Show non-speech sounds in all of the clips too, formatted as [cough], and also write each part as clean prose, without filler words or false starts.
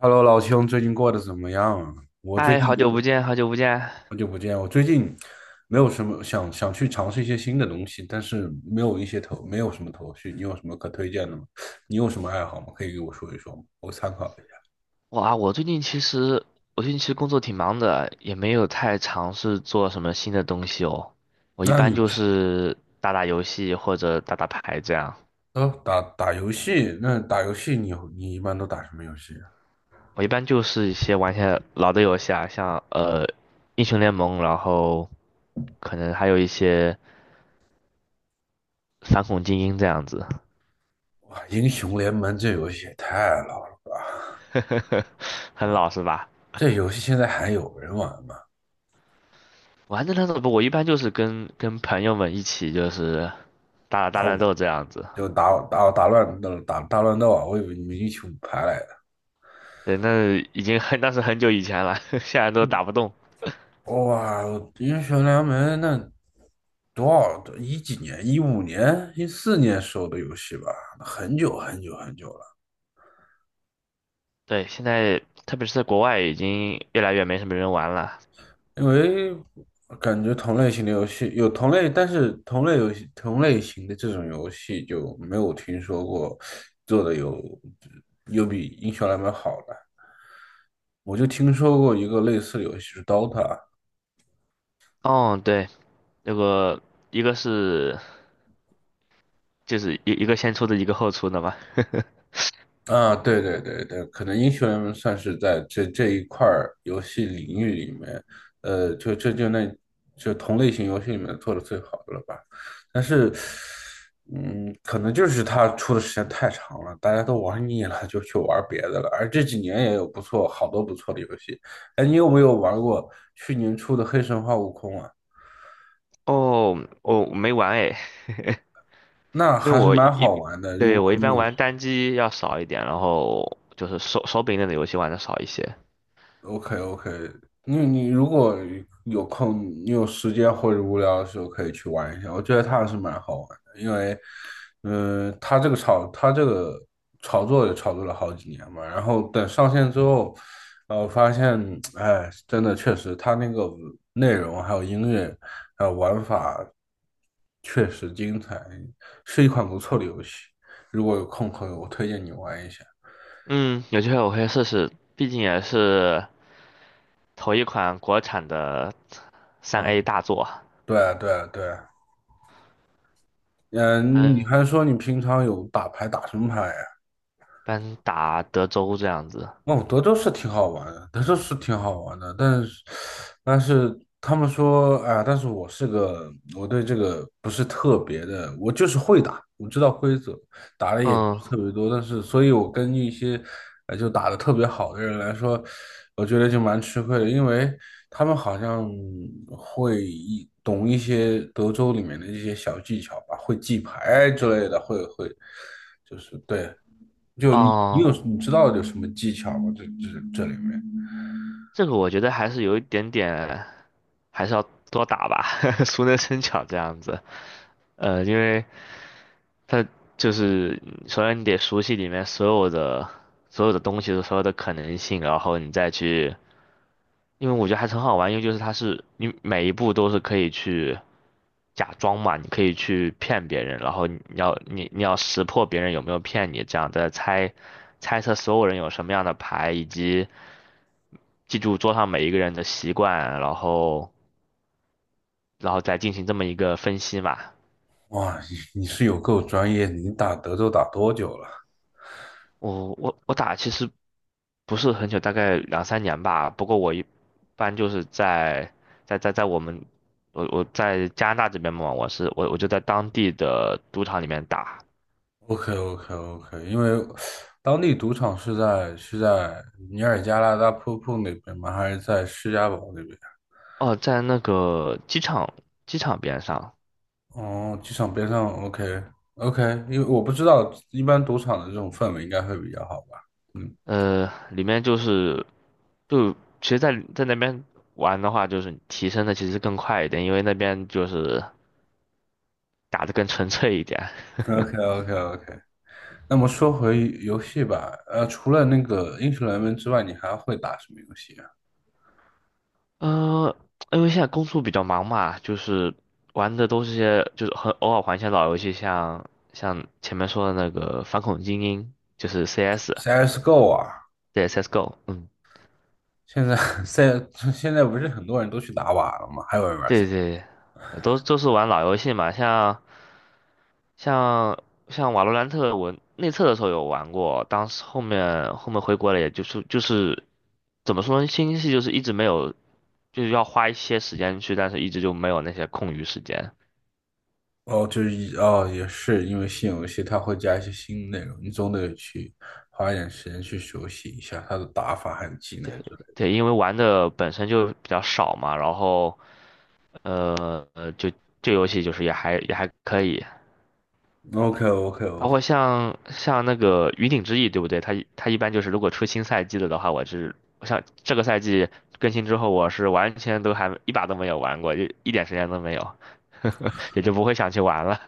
Hello，老兄，最近过得怎么样啊？我最嗨，近好久不有见，好久不见。好久不见。我最近没有什么想想去尝试一些新的东西，但是没有一些头，没有什么头绪。你有什么可推荐的吗？你有什么爱好吗？可以给我说一说吗？我参考一下。哇，我最近其实工作挺忙的，也没有太尝试做什么新的东西哦。我一那般你就知是打打游戏或者打打牌这样。哦，打打游戏。那打游戏你一般都打什么游戏啊？我一般就是一些玩一些老的游戏啊，像英雄联盟，然后可能还有一些反恐精英这样子，哇，英雄联盟这游戏也太老了，[laughs] 很老是吧？这游戏现在还有人玩吗？玩的那种不，我一般就是跟朋友们一起就是打打大打，乱我斗这样子。就打打打乱打打乱斗啊！我以为你们英雄排来。对，那是很久以前了，[laughs] 现在都打不动。哇，英雄联盟那多少一几年？2015年、2014年时候的游戏吧，很久很久很久了。对，现在特别是在国外，已经越来越没什么人玩了。因为感觉同类型的游戏有同类，但是同类游戏、同类型的这种游戏就没有听说过做的有比英雄联盟好的。我就听说过一个类似的游戏是 Dota。哦，对，那个一个是就是一个先出的，一个后出的嘛。啊，对对对对，可能英雄联盟算是在这一块儿游戏领域里面。就这就那就同类型游戏里面做的最好的了吧。但是，可能就是它出的时间太长了，大家都玩腻了，就去玩别的了。而这几年也有不错，好多不错的游戏。哎，你有没有玩过去年出的《黑神话：悟空》啊？哦，我没玩诶，那因为还是我蛮一，好玩的。如对，果我一你般有 玩单机要少一点，然后就是手柄类的游戏玩的少一些。OK OK。你如果有空，你有时间或者无聊的时候可以去玩一下，我觉得它还是蛮好玩的。因为，它这个炒作也炒作了好几年嘛。然后等上线之后，我发现，哎，真的确实它那个内容还有音乐还有玩法确实精彩，是一款不错的游戏。如果有空可以，我推荐你玩一下。嗯，有机会我会试试，毕竟也是头一款国产的三 嗯，A 大作啊。对啊对啊对啊。嗯，你嗯。还说你平常有打牌，打什么牌呀？般打德州这样子。哦，德州是挺好玩的，德州是挺好玩的。但是他们说，啊，但是我是个，我对这个不是特别的，我就是会打，我知道规则，打的也不嗯，是特别多。但是，所以我跟一些，就打的特别好的人来说，我觉得就蛮吃亏的。因为他们好像懂一些德州里面的一些小技巧吧，会记牌之类的，就是对。就哦，你知道有什么技巧吗？这这这里面。这个我觉得还是有一点点，还是要多打吧，[laughs] 熟能生巧这样子。因为它就是首先你得熟悉里面所有的东西，的所有的可能性，然后你再去，因为我觉得还是很好玩，因为就是它是你每一步都是可以去假装嘛，你可以去骗别人，然后你要你你要识破别人有没有骗你，这样再猜测所有人有什么样的牌以及。记住桌上每一个人的习惯，然后再进行这么一个分析嘛。哇，你是有够专业，你打德州打多久了我打其实不是很久，大概两三年吧。不过我一般就是在在在在我们我我在加拿大这边嘛，我是我我就在当地的赌场里面打。？OK OK OK，因为当地赌场是在尼尔加拉大瀑布那边吗？还是在施家堡那边？哦，在那个机场边上，哦，机场边上，OK OK。因为我不知道，一般赌场的这种氛围应该会比较好吧？嗯里面就是就其实在那边玩的话，就是提升的其实更快一点，因为那边就是打的更纯粹一点。，OK OK OK。那么说回游戏吧。除了那个英雄联盟之外，你还会打什么游戏啊？呃，因为现在工作比较忙嘛，就是玩的都是些就是很偶尔玩一些老游戏像，像前面说的那个《反恐精英》，就是 CS,CS:GO 啊。对 CS:GO,嗯，现在现 [laughs] 现在不是很多人都去打瓦了吗？还有人玩 对 CS。 对对，都是玩老游戏嘛，像像《瓦罗兰特》，我内测的时候有玩过，当时后面回国了，也就是怎么说呢，新游戏就是一直没有，就是要花一些时间去，但是一直就没有那些空余时间。哦，就是哦，也是因为新游戏它会加一些新内容，你总得去花一点时间去熟悉一下它的打法还有技能之类对，因为玩的本身就比较少嘛，然后就这游戏就是也还可以，的。OK OK 包 OK。括像那个云顶之弈，对不对？它一般就是如果出新赛季了的话，我是像这个赛季更新之后，我是完全都还一把都没有玩过，就一点时间都没有，也就不会想去玩了。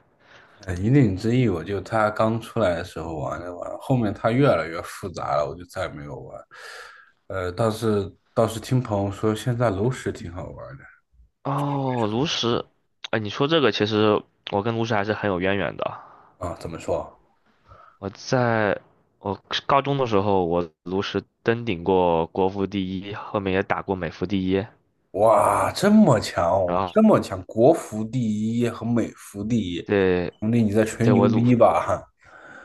引领之弈我就它刚出来的时候玩着玩，后面它越来越复杂了，我就再没有玩。呃，倒是听朋友说现在炉石挺好玩的。哦，炉石，哎，你说这个其实我跟炉石还是很有渊源的。啊，怎么说？我在我高中的时候，我炉石登顶过国服第一，后面也打过美服第一，哇，这么强然哦，后这么强。国服第一和美服第一，对。兄弟你在吹对，牛逼吧？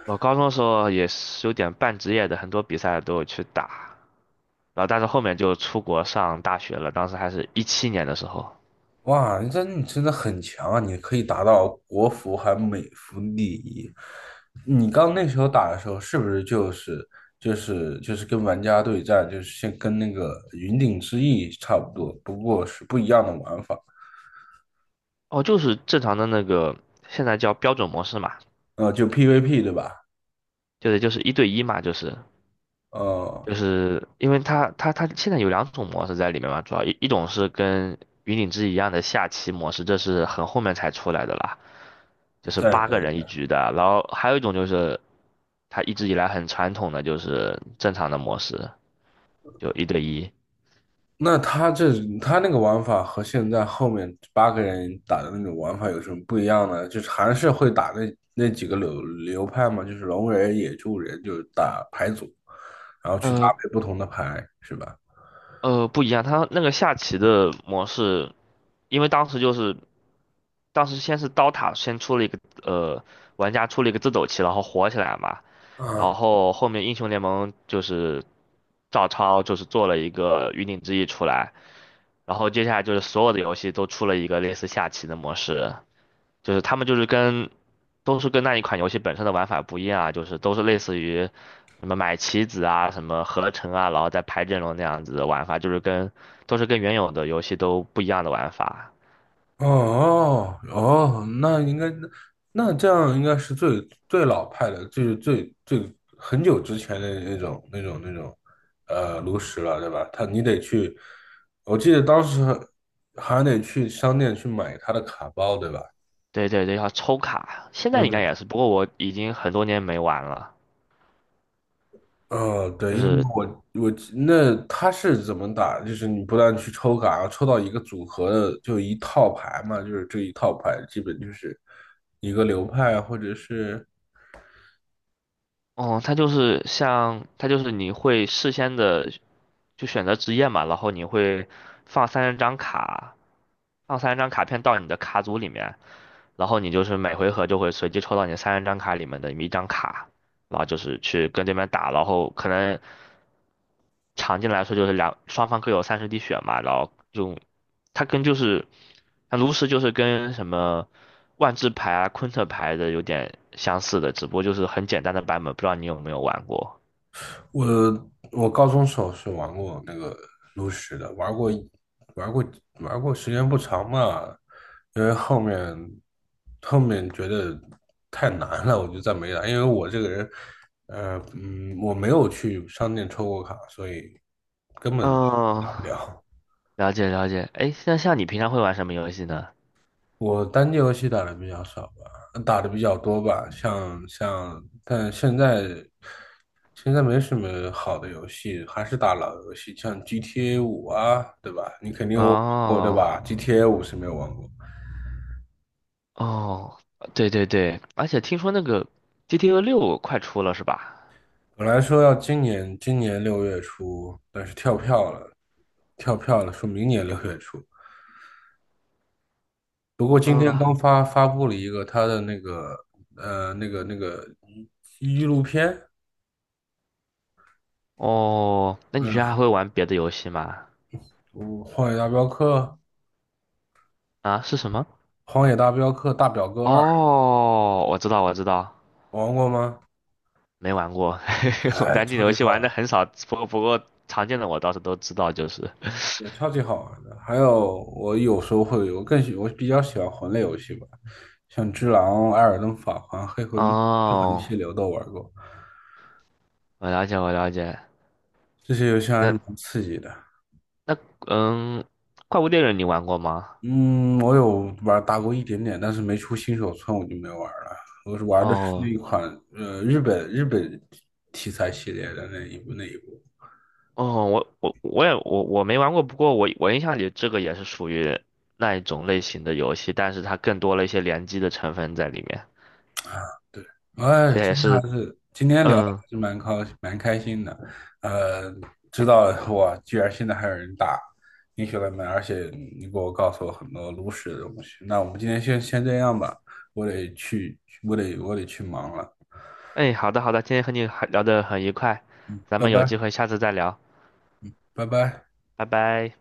我高中的时候也是有点半职业的，很多比赛都有去打，然后但是后面就出国上大学了，当时还是2017年的时候，哇，你真的很强啊！你可以达到国服还美服第一。你刚那时候打的时候，是不是就是跟玩家对战，就是先跟那个云顶之弈差不多，不过是不一样的玩法。哦，就是正常的那个，现在叫标准模式嘛，就 PVP 对吧？就是一对一嘛，就是呃，就是因为它现在有两种模式在里面嘛，主要一种是跟云顶之一样的下棋模式，这是很后面才出来的啦，就是对八个人对，一局的，然后还有一种就是它一直以来很传统的就是正常的模式，就一对一。那他这他那个玩法和现在后面八个人打的那种玩法有什么不一样呢？就是还是会打那几个流派嘛，就是龙人、野猪人，就是打牌组，然后去搭呃，配不同的牌，是吧？不一样，它那个下棋的模式，因为当时就是当时先是刀塔先出了一个玩家出了一个自走棋，然后火起来嘛，然啊，后后面英雄联盟就是照抄就是做了一个云顶之弈出来，然后接下来就是所有的游戏都出了一个类似下棋的模式，就是他们就是跟都是跟那一款游戏本身的玩法不一样啊，就是都是类似于什么买棋子啊、什么合成啊，然后再排阵容那样子的玩法，就是跟都是跟原有的游戏都不一样的玩法。哦哦。那这样应该是最最老派的，就是最最很久之前的那种炉石了，对吧？他你得去，我记得当时还得去商店去买他的卡包，对吧？对对对，要抽卡，现在那应对。该也是，不过我已经很多年没玩了。对，就因为是，我那他是怎么打？就是你不断去抽卡，然后抽到一个组合的，就一套牌嘛，就是这一套牌基本就是一个流派啊或者是。哦，它就是你会事先的就选择职业嘛，然后你会放三十张卡，放30张卡片到你的卡组里面，然后你就是每回合就会随机抽到你三十张卡里面的一张卡，然后就是去跟对面打，然后可能常见来说就是双方各有30滴血嘛，然后就它跟就是它炉石就是跟什么万智牌啊、昆特牌的有点相似的，只不过就是很简单的版本，不知道你有没有玩过？我我高中时候是玩过那个炉石的，玩过一玩过玩过，时间不长嘛，因为后面觉得太难了，我就再没打。因为我这个人，我没有去商店抽过卡，所以根本嗯，打不了。了解了解。哎，那像你平常会玩什么游戏呢？我单机游戏打的比较少吧，打的比较多吧，像像。但现在没什么好的游戏，还是打老游戏，像 GTA 五啊，对吧？你肯定有玩过，对哦吧？GTA 五是没有玩过。哦，对对对，而且听说那个 GTA6快出了是吧？本来说要今年六月初，但是跳票了，跳票了，说明年六月初。不过今天嗯，刚发布了一个他的那个纪录片。哦，那你平常还嗯，会玩别的游戏吗？我荒野大镖客》啊，是什么？《荒野大镖客大表哥二》哦，我知道，我知道，玩过吗？没玩过。[laughs] 我哎，单机超游级戏好玩玩，的很少，不过常见的我倒是都知道，就是。也超级好玩的。还有，我有时候会，我更喜，我比较喜欢魂类游戏吧，像《只狼》《艾尔登法环》《黑魂》《黑魂哦，七六》都玩过，我了解，我了解。这些游戏还是蛮那刺激的。那嗯，怪物猎人你玩过吗？嗯，我有玩打过一点点，但是没出新手村我就没玩了。我是玩的是那哦一款日本题材系列的那一部。哦，我也没玩过，不过我印象里这个也是属于那一种类型的游戏，但是它更多了一些联机的成分在里面。哎，它也今天是，聊的嗯，还是蛮开心的。呃，知道哇，居然现在还有人打英雄联盟，而且你给我告诉我很多炉石的东西。那我们今天先这样吧，我得去忙了。哎，好的好的，今天和你很聊得很愉快，咱拜们有机拜，会下次再聊，拜拜。拜拜。